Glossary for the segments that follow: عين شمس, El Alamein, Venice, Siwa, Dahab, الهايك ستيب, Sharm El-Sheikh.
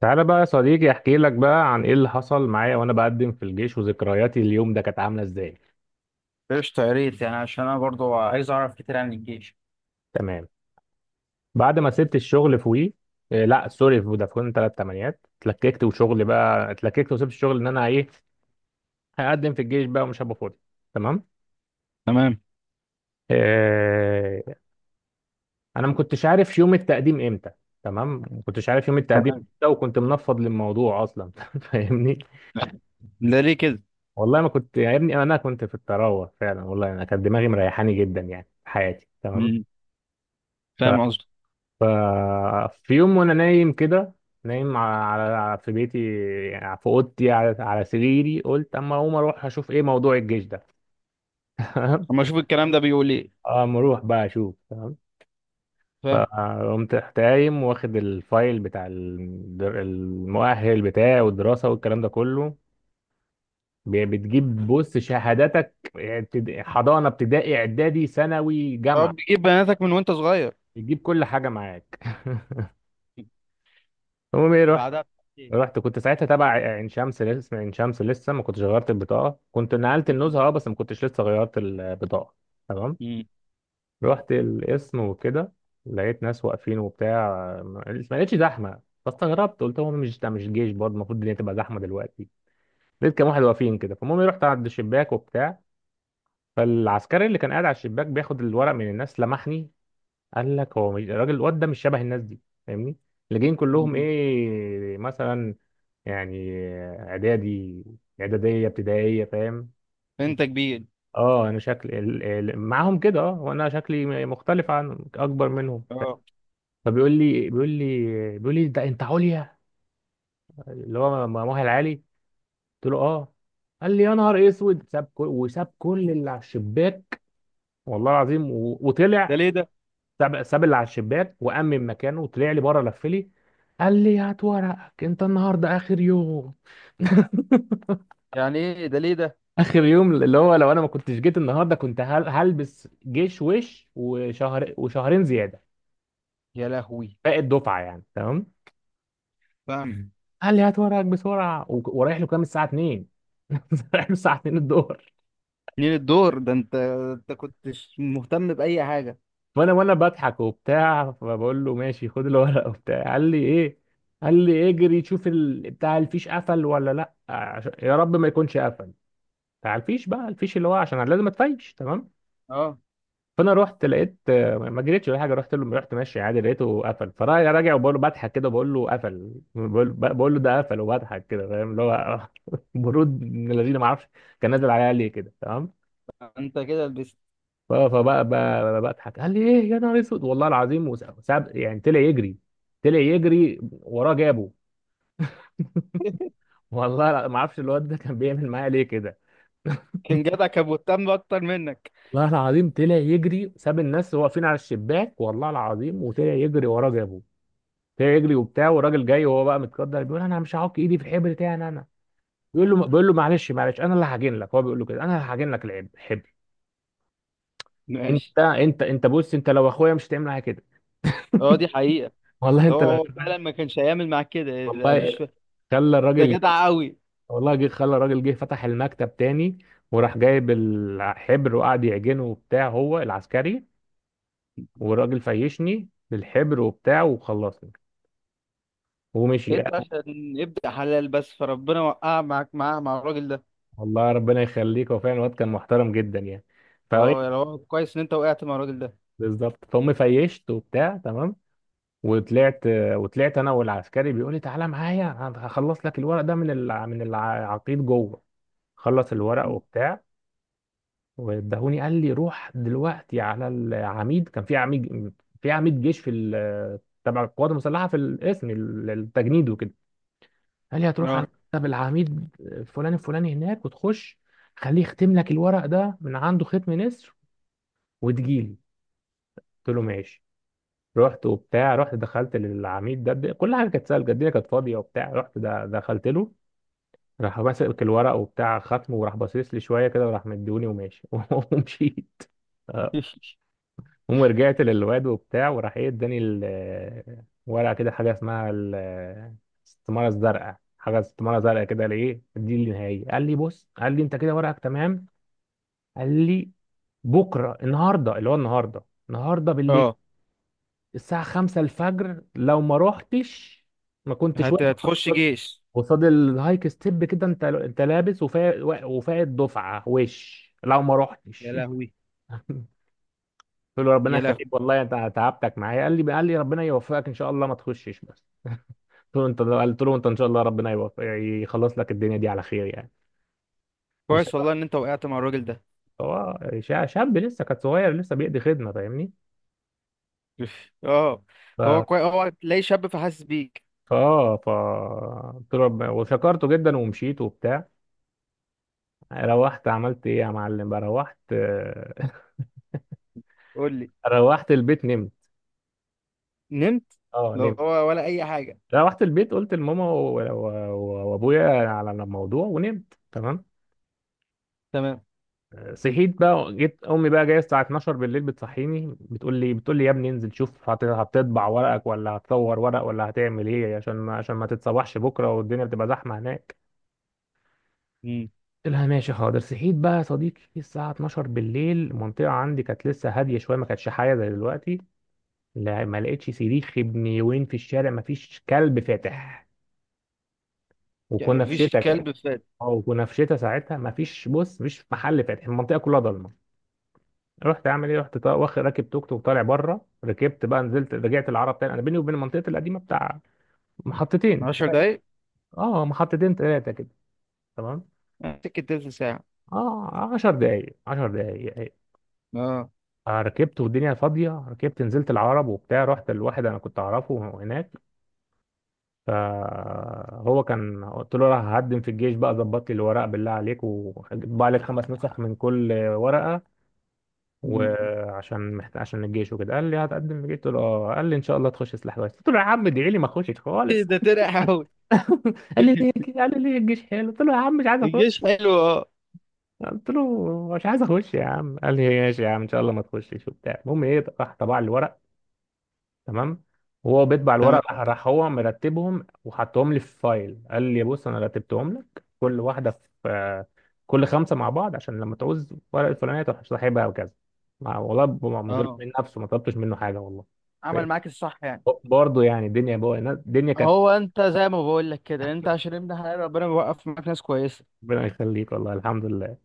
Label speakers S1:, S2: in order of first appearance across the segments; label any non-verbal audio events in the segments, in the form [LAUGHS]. S1: تعالى بقى يا صديقي، احكي لك بقى عن ايه اللي حصل معايا وانا بقدم في الجيش، وذكرياتي اليوم ده كانت عامله ازاي.
S2: قشطة، يا ريت يعني عشان أنا برضو عايز أعرف كتير عن الجيش.
S1: تمام. بعد ما سبت الشغل في وي، إيه لا سوري، في فودافون 38 اتلككت، وشغل بقى اتلككت وسبت الشغل ان انا ايه هقدم في الجيش بقى ومش هبقى فاضي. تمام.
S2: تمام،
S1: إيه، انا ما كنتش عارف يوم التقديم امتى. تمام، ما كنتش عارف يوم التقديم
S2: تمام.
S1: امتى وكنت منفض للموضوع اصلا [LAUGHS] فاهمني.
S2: ده ليه كده؟
S1: والله ما كنت يا ابني، انا كنت في الطراوه فعلا، والله انا كانت دماغي مريحاني جدا يعني في حياتي. تمام.
S2: مم.
S1: ف
S2: فاهم قصدي؟
S1: ففي يوم وانا نايم كده، نايم في بيتي يعني في اوضتي على سريري، قلت اما اقوم اروح اشوف ايه موضوع الجيش ده. [LAUGHS] تمام.
S2: اما اشوف الكلام ده بيقول ايه.
S1: اما اروح بقى اشوف. تمام.
S2: فاهم.
S1: فقمت رحت قايم واخد الفايل بتاع المؤهل بتاعي والدراسه والكلام ده كله. بتجيب بص شهاداتك، حضانه ابتدائي اعدادي ثانوي
S2: طب
S1: جامعه.
S2: بتجيب بناتك من وانت صغير؟
S1: بتجيب كل حاجه معاك [LAUGHS] المهم ايه، رحت.
S2: بعدها بسنتين.
S1: رحت كنت ساعتها تبع عين شمس، لسه اسم عين شمس، لسه ما كنتش غيرت البطاقه، كنت نقلت
S2: مم.
S1: النزهه اه بس ما كنتش لسه غيرت البطاقه. تمام.
S2: مم.
S1: رحت القسم وكده، لقيت ناس واقفين وبتاع. ما ما لقيتش زحمه فاستغربت، قلت هو مش ده مش جيش برضه؟ المفروض الدنيا تبقى زحمه دلوقتي. لقيت كام واحد واقفين كده. فالمهم رحت عند الشباك وبتاع. فالعسكري اللي كان قاعد على الشباك بياخد الورق من الناس لمحني، قال لك هو مش الراجل الواد ده مش شبه الناس دي، فاهمني، اللي جايين
S2: مم.
S1: كلهم ايه مثلا يعني اعدادي اعداديه ابتدائيه، فاهم.
S2: انت كبير.
S1: اه انا شكل معاهم كده اه، وانا شكلي مختلف عن اكبر منهم.
S2: اه.
S1: فبيقول لي ده انت عليا، اللي هو مؤهل عالي. قلت له اه. قال لي يا نهار اسود، ساب كل وساب كل اللي على الشباك، والله العظيم
S2: ده
S1: وطلع.
S2: ليه ده؟
S1: ساب اللي على الشباك وامن مكانه وطلع لي بره لف لي، قال لي هات ورقك انت النهارده اخر يوم. [LAUGHS]
S2: يعني ايه؟ ده ليه ده؟
S1: اخر يوم، اللي هو لو انا ما كنتش جيت النهارده كنت هلبس جيش، وشهر وشهرين زياده
S2: يا لهوي.
S1: باقي الدفعه يعني. تمام.
S2: فاهم.
S1: قال لي هات ورقك بسرعه ورايح له، كام الساعه 2. [LAUGHS] رايح له الساعه 2 الظهر.
S2: منين الدور ده؟ انت كنتش مهتم باي حاجه؟
S1: فانا وانا بضحك وبتاع، فبقول له ماشي خد الورقه وبتاع، قال لي ايه. قال لي اجري شوف بتاع الفيش قفل ولا لا، يا رب ما يكونش قفل، بتاع الفيش بقى، الفيش اللي هو عشان أنا لازم اتفيش. تمام.
S2: اه.
S1: فانا رحت، لقيت آه، ما جريتش ولا حاجه، رحت له، رحت ماشي عادي، لقيته قفل. فراجع وبقول له بضحك كده، بقول له قفل، بقول له ده قفل وبضحك كده، فاهم اللي هو [LAUGHS] برود من الذين ما اعرفش. كان نازل عليا ليه كده. تمام.
S2: انت كده لبست.
S1: فبقى بضحك، قال لي ايه يا نهار اسود والله العظيم، وساب يعني طلع يجري، طلع يجري وراه جابه.
S2: [LAUGHS]
S1: [LAUGHS] والله ما اعرفش الواد ده كان بيعمل معايا ليه كده.
S2: كان جدع، كان مهتم اكتر منك.
S1: والله العظيم طلع يجري، ساب الناس واقفين على الشباك والله العظيم، وطلع يجري وراه جابه. فيجري يجري وبتاع، والراجل جاي وهو بقى متقدر، بيقول انا مش هعك ايدي في الحبر بتاعي، انا بيقول له معلش معلش، انا اللي هعجن لك، هو بيقول له كده انا اللي هعجن لك الحبر.
S2: ماشي.
S1: انت بص، انت لو اخويا مش هتعمل معايا كده
S2: اه، دي حقيقة.
S1: [LAUGHS] والله
S2: هو
S1: انت لو
S2: هو
S1: [LAUGHS]
S2: فعلا ما كانش هيعمل معاك كده، ده
S1: والله
S2: مش ف...
S1: خلى
S2: ده
S1: الراجل،
S2: جدع قوي.
S1: والله جه خلى الراجل جه فتح المكتب تاني، وراح جايب الحبر وقعد يعجنه وبتاع هو العسكري، والراجل فيشني بالحبر وبتاع وخلصني ومشي.
S2: انت عشان يبدأ حلال بس، فربنا وقع معاك، معاه، مع الراجل ده.
S1: والله ربنا يخليك، هو فعلا الواد كان محترم جدا يعني.
S2: اه، يا هو كويس ان انت وقعت مع الراجل ده.
S1: بالظبط فهم. فيشت وبتاع. تمام. وطلعت. وطلعت انا والعسكري، بيقول لي تعالى معايا هخلص لك الورق ده من من العقيد جوه، خلص الورق وبتاع وادهوني. قال لي روح دلوقتي على العميد، كان في عميد، في عميد جيش في تبع القوات المسلحه في القسم التجنيد وكده. قال لي هتروح على
S2: اه.
S1: مكتب العميد فلان الفلاني هناك، وتخش خليه يختم لك الورق ده من عنده ختم نسر وتجيلي. قلت له ماشي. رحت وبتاع، رحت دخلت للعميد ده كل حاجه كانت سهله، الجديره كانت فاضيه وبتاع، رحت ده دخلت له، راح ماسك الورق وبتاع ختمه وراح باصص لي شويه كده وراح مديوني وماشي [LAUGHS] ومشيت. اه.
S2: [LAUGHS]
S1: المهم رجعت للواد وبتاع، وراح ايه اداني ورقه كده حاجه اسمها الاستماره الزرقاء، حاجه استماره زرقاء كده، لايه دي النهائيه. قال لي بص، قال لي انت كده ورقك تمام. قال لي بكره، النهارده اللي هو النهارده، النهارده بالليل
S2: اه،
S1: الساعة 5 الفجر لو ما روحتش ما كنتش واقف
S2: هتخش جيش.
S1: قصاد الهايك ستيب كده، انت لابس وفايق، وفايق دفعة وش لو ما
S2: يا
S1: روحتش [LAUGHS]
S2: لهوي.
S1: قلت له ربنا
S2: يا لهوي.
S1: يخليك والله انت تعبتك معايا. قال لي ربنا يوفقك ان شاء الله ما تخشش بس. قلت له انت ان شاء الله ربنا يوفق يخلص لك الدنيا دي على خير يعني. وشاب.
S2: كويس والله ان انت وقعت مع الراجل ده.
S1: هو شاب لسه كان صغير لسه بيقضي خدمة، فاهمني.
S2: [LAUGHS] اه،
S1: ف
S2: هو كويس، هو تلاقي شاب فحاسس بيك.
S1: فاه ف قلت له وشكرته جدا ومشيت وبتاع. روحت عملت ايه يا معلم بقى. روحت [LAUGHS]
S2: قول لي.
S1: روحت البيت نمت.
S2: نمت.
S1: اه
S2: لا
S1: نمت.
S2: هو ولا اي حاجه.
S1: روحت البيت قلت لماما وابويا على الموضوع ونمت. تمام.
S2: تمام.
S1: صحيت بقى، جيت امي بقى جايه الساعه 12 بالليل بتصحيني، بتقول لي، بتقول لي يا ابني انزل شوف هتطبع ورقك ولا هتصور ورق ولا هتعمل ايه، عشان ما تتصبحش بكره والدنيا بتبقى زحمه هناك.
S2: مم.
S1: قلت لها ماشي حاضر. صحيت بقى يا صديقي الساعه 12 بالليل، المنطقه عندي كانت لسه هاديه شويه، ما كانتش حاجه زي دلوقتي. لا، ما لقيتش صريخ ابن يومين في الشارع، ما فيش كلب فاتح،
S2: يعني
S1: وكنا في
S2: مفيش
S1: شتاء كده.
S2: كلب فات.
S1: اه وكنا في شتاء ساعتها، ما فيش بص، مفيش محل فاتح، المنطقه كلها ضلمه. رحت اعمل ايه، رحت واخد راكب توك توك طالع بره، ركبت بقى نزلت رجعت العرب تاني. انا بيني وبين المنطقه القديمه بتاع محطتين.
S2: 10 دقايق.
S1: اه محطتين ثلاثه كده. تمام.
S2: سكت تلت ساعه.
S1: اه 10 دقايق 10 دقايق
S2: اه.
S1: آه، ركبت والدنيا فاضيه، ركبت نزلت العرب وبتاع، رحت لواحد انا كنت اعرفه هناك. فهو كان، قلت له راح هقدم في الجيش بقى، ظبط لي الورق بالله عليك، وطبع لك خمس نسخ من كل ورقة وعشان عشان الجيش وكده. قال لي هتقدم في الجيش. قلت له اه. قال لي ان شاء الله تخش سلاح كويس. قلت له يا عم ادعي لي ما اخشش
S2: إيه
S1: خالص.
S2: ده؟ ترقع قوي.
S1: قال لي ليه.
S2: [LAUGHS]
S1: قال لي ليه الجيش حلو. قلت له يا عم مش عايز اخش.
S2: الجيش حلو، اه.
S1: قلت له مش عايز اخش يا عم. قال لي ماشي يا عم ان شاء الله ما تخشش وبتاع. المهم ايه، راح طبع لي الورق. تمام. وهو بيطبع
S2: تمام.
S1: الورق، راح هو مرتبهم وحطهم لي في فايل، قال لي بص انا رتبتهم لك كل واحده في آه، كل خمسه مع بعض عشان لما تعوز ورقه الفلانيه تروح ساحبها وكذا. والله من
S2: اه،
S1: من نفسه ما طلبتش منه حاجه والله.
S2: عمل معاك الصح يعني.
S1: برضه يعني، الدنيا بقى الدنيا كانت.
S2: هو انت زي ما بقول لك كده، انت عشان ابن حلال ربنا بيوقف معاك ناس كويسه.
S1: ربنا يخليك والله الحمد لله.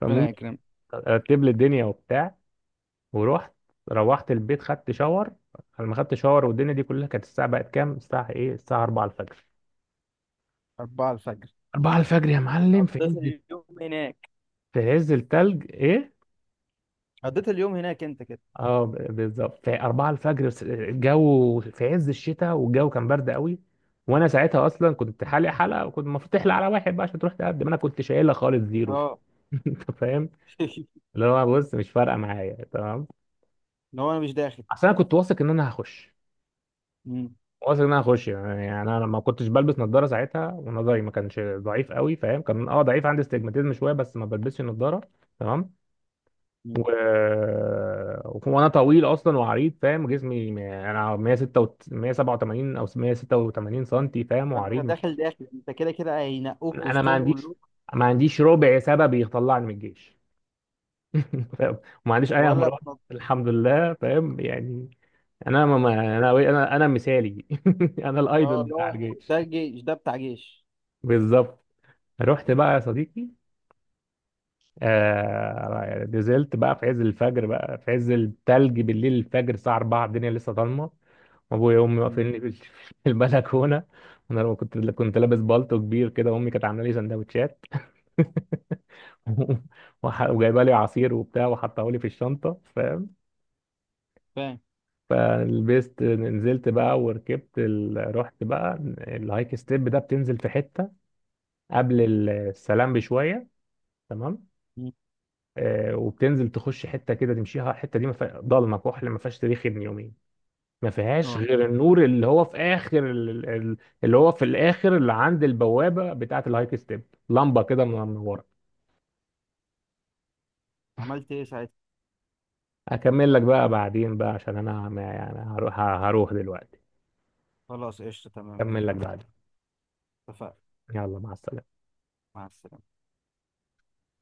S1: فالمهم
S2: ربنا يكرمك.
S1: رتب لي الدنيا وبتاع ورحت. روحت البيت خدت شاور. لما خدت شاور والدنيا دي كلها كانت، الساعه بقت كام، الساعه ايه، الساعه 4 الفجر.
S2: 4 الفجر؟
S1: 4 الفجر يا معلم في
S2: قضيت
S1: عز،
S2: اليوم هناك
S1: في عز التلج ايه.
S2: قضيت اليوم هناك انت كده؟
S1: اه بالظبط في 4 الفجر، بس الجو في عز الشتاء والجو كان برد قوي. وانا ساعتها اصلا كنت حالق حلقه، وكنت المفروض تحلق على واحد بقى عشان تروح تقدم انا كنت شايلها خالص زيرو
S2: اه.
S1: [LAUGHS] انت فاهم،
S2: [LAUGHS]
S1: اللي هو بص مش فارقه معايا. تمام.
S2: اللي هو انا مش داخل.
S1: اصل انا كنت واثق ان انا هخش.
S2: مم.
S1: واثق ان انا هخش يعني انا ما كنتش بلبس نظاره ساعتها، ونظري ما كانش ضعيف قوي فاهم، كان اه ضعيف عندي استجماتيزم شويه بس ما بلبسش نظاره. تمام. و...
S2: مم.
S1: وانا طويل اصلا وعريض فاهم، جسمي انا 186 187 او 186 سنتي فاهم
S2: فانت
S1: وعريض.
S2: داخل داخل، انت كده كده هينقوك
S1: انا ما
S2: وسطهم
S1: عنديش
S2: كلهم.
S1: ما عنديش ربع سبب يطلعني من الجيش [LAUGHS] فاهم. وما عنديش اي
S2: ولا
S1: امراض
S2: بنض...
S1: الحمد لله، فاهم يعني. انا ما ما- انا مثالي [LAUGHS] انا الايدول
S2: اه،
S1: بتاع
S2: لا.
S1: الجيش.
S2: ده جيش، ده بتاع جيش.
S1: بالظبط. رحت بقى يا صديقي آه يعني، نزلت بقى في عز الفجر بقى في عز التلج بالليل، الفجر الساعة 4، الدنيا لسه ضلمة. ابويا وامي
S2: مم.
S1: واقفيني في [LAUGHS] في البلكونه. وانا لما كنت لابس بالطو كبير كده، امي كانت عامله لي سندوتشات [LAUGHS] وجايبه لي عصير وبتاع وحطه لي في الشنطه، فاهم.
S2: فاهم.
S1: فلبست نزلت بقى وركبت رحت بقى الهايك ستيب ده بتنزل في حته قبل السلام بشويه. تمام.
S2: مم.
S1: آه وبتنزل تخش حته كده تمشيها، الحته دي ما فيها- ضلمه كحل ما فيهاش تاريخ ابن يومين، ما فيهاش
S2: اه،
S1: غير النور اللي هو في اخر اللي هو في الاخر اللي عند البوابه بتاعه الهايك ستيب، لمبه كده من ورا.
S2: عملت ايه ساعتها؟
S1: اكمل لك بقى بعدين بقى عشان انا يعني هروح دلوقتي.
S2: خلاص، قشطة، تمام،
S1: اكمل لك
S2: اتفقنا.
S1: بعدين.
S2: اتفقنا.
S1: يلا مع السلامه.
S2: مع السلامة.